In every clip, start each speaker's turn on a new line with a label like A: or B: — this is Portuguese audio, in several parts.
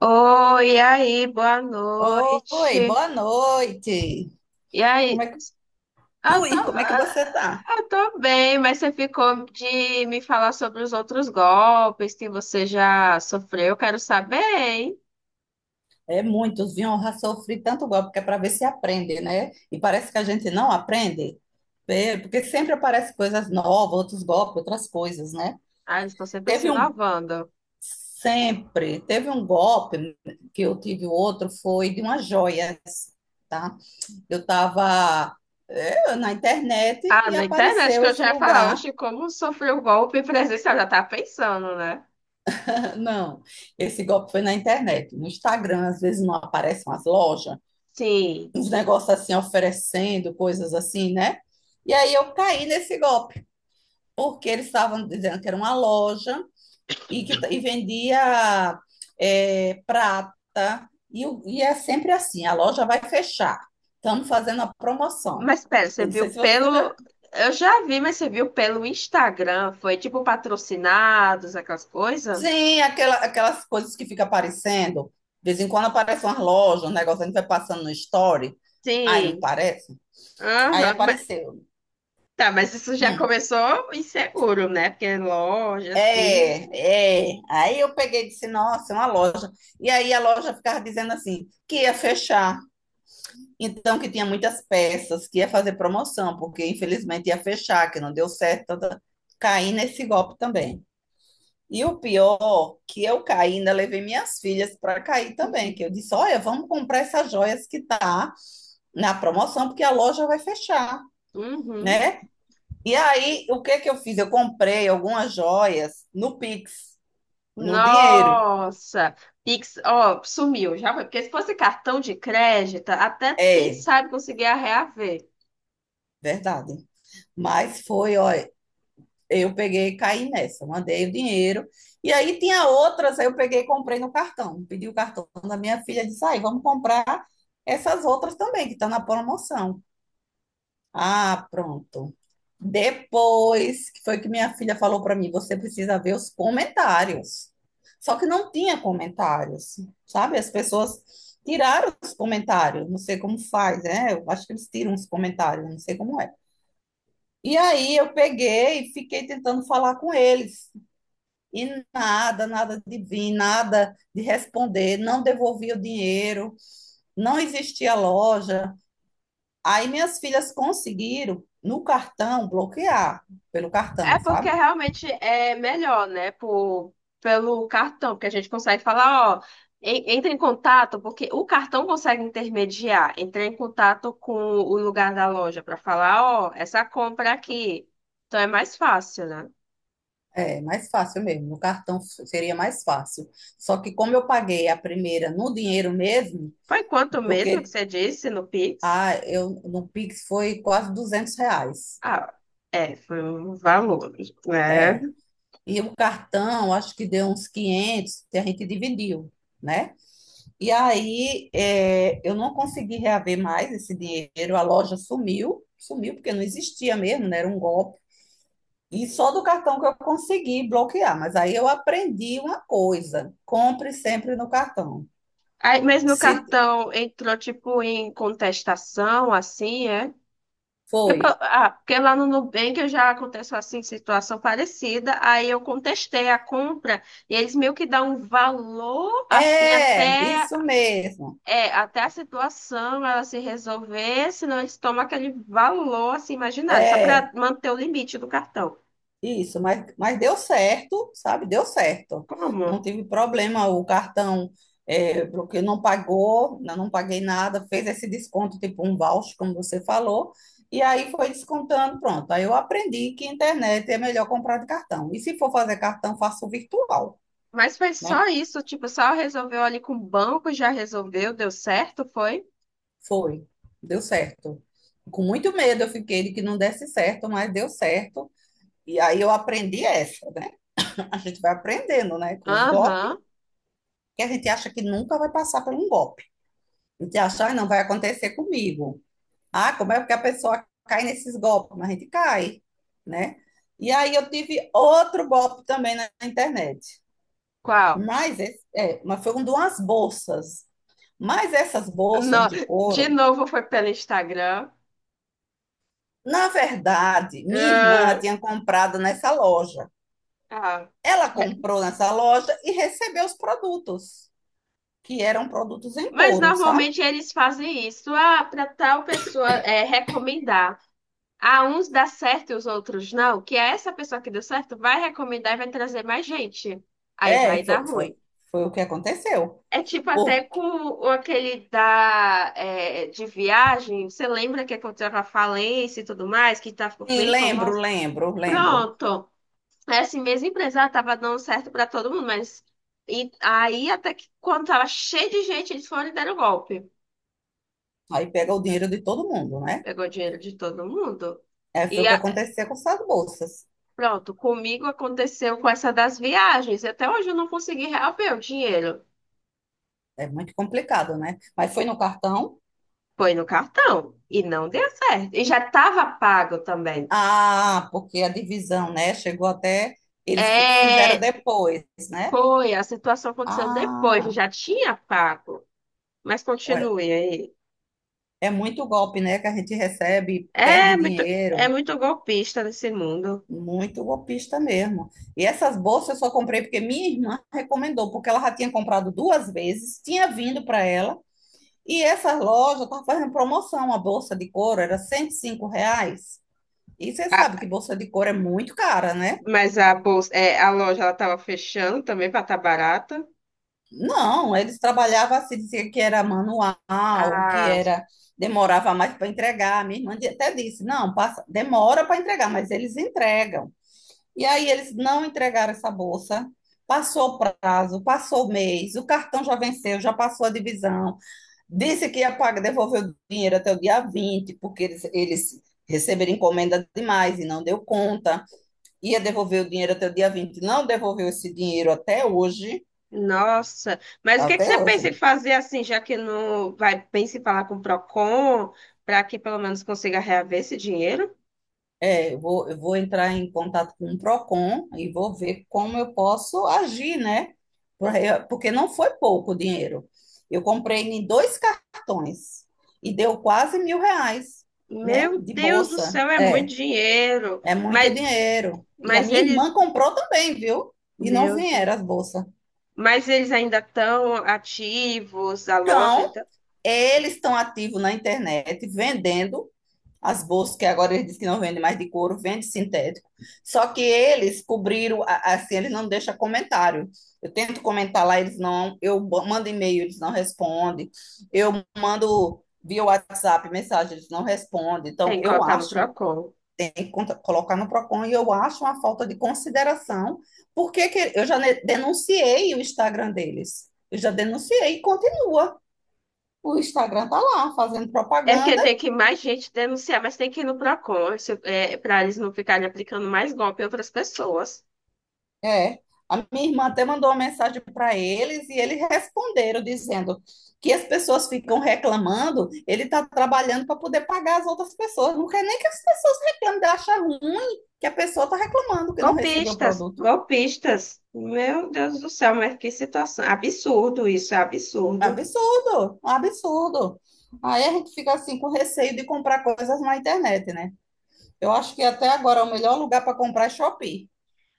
A: Oi, e aí, boa
B: Oi,
A: noite.
B: boa noite.
A: E aí,
B: Como é que,
A: eu tô,
B: como é que você tá?
A: eu tô bem, mas você ficou de me falar sobre os outros golpes que você já sofreu. Eu quero saber, hein?
B: É muitos, viu? Eu já sofri tanto golpe que é para ver se aprende, né? E parece que a gente não aprende, é, porque sempre aparecem coisas novas, outros golpes, outras coisas, né?
A: Ah, eles estão sempre se
B: Teve um,
A: inovando.
B: teve um golpe que eu tive outro, foi de umas joias, tá? Eu tava, é, na internet
A: Ah,
B: e
A: na internet
B: apareceu
A: que eu
B: esse
A: já ia falar,
B: lugar.
A: hoje como sofreu o golpe presencial, já tá pensando, né?
B: Não, esse golpe foi na internet. No Instagram, às vezes não aparecem umas lojas,
A: Sim.
B: uns negócios assim oferecendo coisas assim, né? E aí eu caí nesse golpe, porque eles estavam dizendo que era uma loja e e vendia, é, prata, e é sempre assim: a loja vai fechar, estamos fazendo a promoção.
A: Mas pera, você
B: Eu não sei
A: viu
B: se você
A: pelo.
B: já.
A: Eu já vi, mas você viu pelo Instagram? Foi tipo patrocinados, aquelas coisas?
B: Sim, aquelas coisas que fica aparecendo. De vez em quando aparece uma loja, um negócio, a gente vai passando no story. Ai, não
A: Sim.
B: parece? Aí
A: Aham.
B: apareceu.
A: Tá, mas isso já
B: Hum.
A: começou inseguro, né? Porque é loja, assim.
B: É, é. Aí eu peguei e disse, nossa, é uma loja. E aí a loja ficava dizendo assim, que ia fechar. Então, que tinha muitas peças, que ia fazer promoção, porque infelizmente ia fechar, que não deu certo. Tá, tá. Caí nesse golpe também. E o pior, que eu caí, ainda levei minhas filhas para cair também, que eu disse, olha, vamos comprar essas joias que tá na promoção, porque a loja vai fechar,
A: Uhum.
B: né? E aí, o que que eu fiz? Eu comprei algumas joias no Pix, no dinheiro.
A: Nossa! Pix, ó, sumiu, já foi. Porque se fosse cartão de crédito, até quem
B: É,
A: sabe conseguia reaver.
B: verdade. Mas foi, olha, eu peguei e caí nessa, mandei o dinheiro. E aí tinha outras, aí eu peguei e comprei no cartão. Pedi o cartão da minha filha, disse, aí, vamos comprar essas outras também, que tá na promoção. Ah, pronto. Depois que foi que minha filha falou para mim, você precisa ver os comentários. Só que não tinha comentários, sabe? As pessoas tiraram os comentários, não sei como faz, né? Eu acho que eles tiram os comentários, não sei como é. E aí eu peguei e fiquei tentando falar com eles. E nada, nada de vir, nada de responder, não devolvia o dinheiro, não existia loja. Aí minhas filhas conseguiram no cartão bloquear, pelo
A: É
B: cartão,
A: porque
B: sabe?
A: realmente é melhor, né? Por, pelo cartão, porque a gente consegue falar, ó, entra em contato, porque o cartão consegue intermediar, entrar em contato com o lugar da loja para falar, ó, essa compra aqui. Então é mais fácil, né?
B: É mais fácil mesmo, no cartão seria mais fácil. Só que como eu paguei a primeira no dinheiro mesmo,
A: Foi quanto mesmo que
B: porque
A: você disse no Pix?
B: ah, eu, no Pix foi quase 200 reais.
A: Ah, é, foi um valor, né?
B: É. E o cartão, acho que deu uns 500, que a gente dividiu, né? E aí é, eu não consegui reaver mais esse dinheiro, a loja sumiu, sumiu porque não existia mesmo, né? Era um golpe. E só do cartão que eu consegui bloquear. Mas aí eu aprendi uma coisa: compre sempre no cartão.
A: Aí, mas meu
B: Se
A: cartão entrou, tipo, em contestação, assim, é? Porque
B: foi.
A: ah, porque lá no Nubank eu já aconteceu, assim, situação parecida, aí eu contestei a compra e eles meio que dão um valor, assim,
B: É,
A: até,
B: isso mesmo.
A: é, até a situação ela se resolver, senão eles tomam aquele valor, assim, imaginário, só para
B: É,
A: manter o limite do cartão.
B: isso. Mas deu certo, sabe? Deu certo. Não
A: Como?
B: tive problema. O cartão é, porque não pagou, não paguei nada, fez esse desconto, tipo um voucher, como você falou. E aí foi descontando, pronto. Aí eu aprendi que internet é melhor comprar de cartão. E se for fazer cartão, faço virtual.
A: Mas foi
B: Né?
A: só isso, tipo, só resolveu ali com o banco, já resolveu, deu certo, foi?
B: Foi, deu certo. Com muito medo eu fiquei de que não desse certo, mas deu certo. E aí eu aprendi essa, né? A gente vai aprendendo, né? Com os golpes,
A: Aham.
B: que a gente acha que nunca vai passar por um golpe. A gente acha, ah, não vai acontecer comigo. Ah, como é que a pessoa cai nesses golpes? Mas a gente cai, né? E aí eu tive outro golpe também na internet.
A: Qual?
B: Mas, esse, é, mas foi um de umas bolsas. Mas essas bolsas
A: No...
B: de
A: De
B: couro.
A: novo foi pelo Instagram.
B: Na verdade, minha irmã
A: Ah,
B: tinha comprado nessa loja.
A: ah.
B: Ela comprou nessa loja e recebeu os produtos, que eram produtos em
A: Mas
B: couro, sabe?
A: normalmente eles fazem isso, ah, para tal pessoa é, recomendar. Ah, uns dá certo e os outros não, que é essa pessoa que deu certo vai recomendar e vai trazer mais gente. Aí vai
B: É,
A: dar
B: foi, foi,
A: ruim.
B: foi o que aconteceu.
A: É tipo até com
B: Porque,
A: aquele da, é, de viagem, você lembra que aconteceu com a falência e tudo mais, que tá, ficou
B: sim,
A: bem famosa?
B: lembro.
A: Pronto, essa mesma empresa ela tava dando certo para todo mundo, mas e, aí até que quando tava cheio de gente, eles foram e deram golpe.
B: Aí pega o dinheiro de todo mundo, né?
A: Pegou dinheiro de todo mundo.
B: É, foi
A: E
B: o que aconteceu com essas bolsas.
A: pronto, comigo aconteceu com essa das viagens. Até hoje eu não consegui reaver o dinheiro.
B: É muito complicado, né? Mas foi no cartão.
A: Foi no cartão e não deu certo. E já estava pago também.
B: Ah, porque a divisão, né? Chegou até. Eles fizeram
A: É,
B: depois, né?
A: foi, a situação aconteceu depois, eu
B: Ah.
A: já tinha pago. Mas continue aí.
B: É muito golpe, né, que a gente recebe, perde
A: É muito, é
B: dinheiro.
A: muito golpista nesse mundo.
B: Muito golpista mesmo. E essas bolsas eu só comprei porque minha irmã recomendou, porque ela já tinha comprado duas vezes, tinha vindo para ela, e essa loja estavam fazendo promoção. A bolsa de couro era 105 reais. E você
A: Ah,
B: sabe que bolsa de couro é muito cara, né?
A: mas a bolsa, é, a loja ela estava fechando também para estar barata.
B: Não, eles trabalhavam assim, dizia que era manual, que
A: Ah,
B: era demorava mais para entregar. Minha irmã até disse: não, passa, demora para entregar, mas eles entregam. E aí eles não entregaram essa bolsa. Passou o prazo, passou o mês, o cartão já venceu, já passou a divisão. Disse que ia pagar, devolver o dinheiro até o dia 20 porque eles receberam encomenda demais e não deu conta. Ia devolver o dinheiro até o dia vinte, não devolveu esse dinheiro até hoje.
A: nossa. Mas o que que
B: Até
A: você
B: hoje.
A: pensa em fazer assim, já que não vai, pensa em falar com o Procon, para que pelo menos consiga reaver esse dinheiro?
B: É, eu vou entrar em contato com o Procon e vou ver como eu posso agir, né? Porque não foi pouco o dinheiro. Eu comprei em dois cartões e deu quase mil reais, né?
A: Meu
B: De
A: Deus do
B: bolsa.
A: céu, é muito
B: É,
A: dinheiro.
B: é muito dinheiro. E a
A: Mas
B: minha
A: eles,
B: irmã comprou também, viu? E não
A: meu Deus.
B: vieram as bolsas.
A: Mas eles ainda estão ativos, a loja,
B: Então,
A: então
B: eles estão ativos na internet vendendo. As bolsas que agora eles dizem que não vendem mais de couro, vende sintético. Só que eles cobriram, assim, eles não deixam comentário. Eu tento comentar lá, eles não, eu mando e-mail, eles não respondem. Eu mando via WhatsApp mensagem, eles não respondem.
A: tem
B: Então,
A: que
B: eu
A: colocar no
B: acho,
A: Procon.
B: tem que colocar no Procon, e eu acho uma falta de consideração, porque que- eu já denunciei o Instagram deles. Eu já denunciei e continua. O Instagram tá lá, fazendo
A: É porque
B: propaganda.
A: tem que mais gente denunciar, mas tem que ir no Procon, para eles não ficarem aplicando mais golpe a outras pessoas.
B: É, a minha irmã até mandou uma mensagem para eles e eles responderam dizendo que as pessoas ficam reclamando, ele está trabalhando para poder pagar as outras pessoas. Não quer nem que as pessoas reclamem, ele acha ruim que a pessoa está reclamando que não recebeu o
A: Golpistas,
B: produto.
A: golpistas. Meu Deus do céu, mas que situação. Absurdo isso, é
B: É um
A: absurdo.
B: absurdo, é um absurdo. Aí a gente fica assim com receio de comprar coisas na internet, né? Eu acho que até agora é o melhor lugar para comprar é Shopee,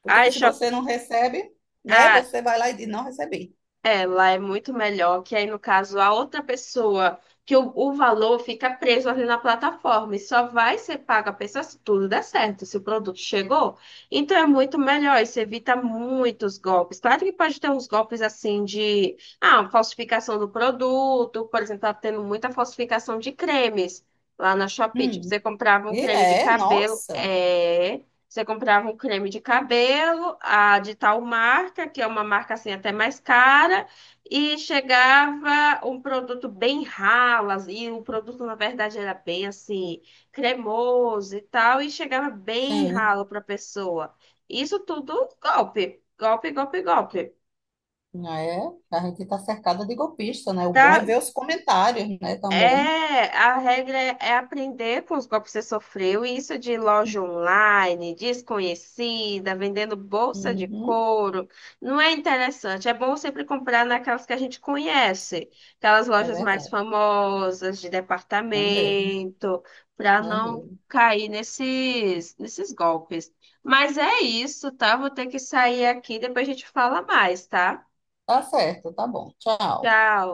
B: porque
A: Ai,
B: se
A: Shop...
B: você não recebe, né, você vai lá e diz não recebi.
A: Ela é muito melhor que aí, no caso, a outra pessoa, que o valor fica preso ali na plataforma e só vai ser pago a pessoa se tudo der certo, se o produto chegou. Então é muito melhor, isso evita muitos golpes. Claro que pode ter uns golpes assim de, ah, falsificação do produto, por exemplo, tá tendo muita falsificação de cremes lá na Shopee. Tipo,
B: Hum.
A: você comprava um
B: E
A: creme de
B: é,
A: cabelo,
B: nossa.
A: é, você comprava um creme de cabelo, a de tal marca, que é uma marca assim até mais cara, e chegava um produto bem ralo, e o produto na verdade era bem assim, cremoso e tal, e chegava bem
B: Sim,
A: ralo para a pessoa. Isso tudo golpe, golpe, golpe, golpe.
B: é. A gente está cercada de golpista, né? O bom é
A: Tá?
B: ver os comentários, né, também.
A: É, a regra é aprender com os golpes que você sofreu, e isso de loja online, desconhecida, vendendo bolsa de
B: Uhum,
A: couro, não é interessante. É bom sempre comprar naquelas que a gente conhece, aquelas
B: é
A: lojas mais
B: verdade,
A: famosas de
B: é mesmo,
A: departamento, para
B: é
A: não
B: mesmo.
A: cair nesses golpes. Mas é isso, tá? Vou ter que sair aqui, depois a gente fala mais, tá?
B: Tá certo, tá bom. Tchau.
A: Tchau.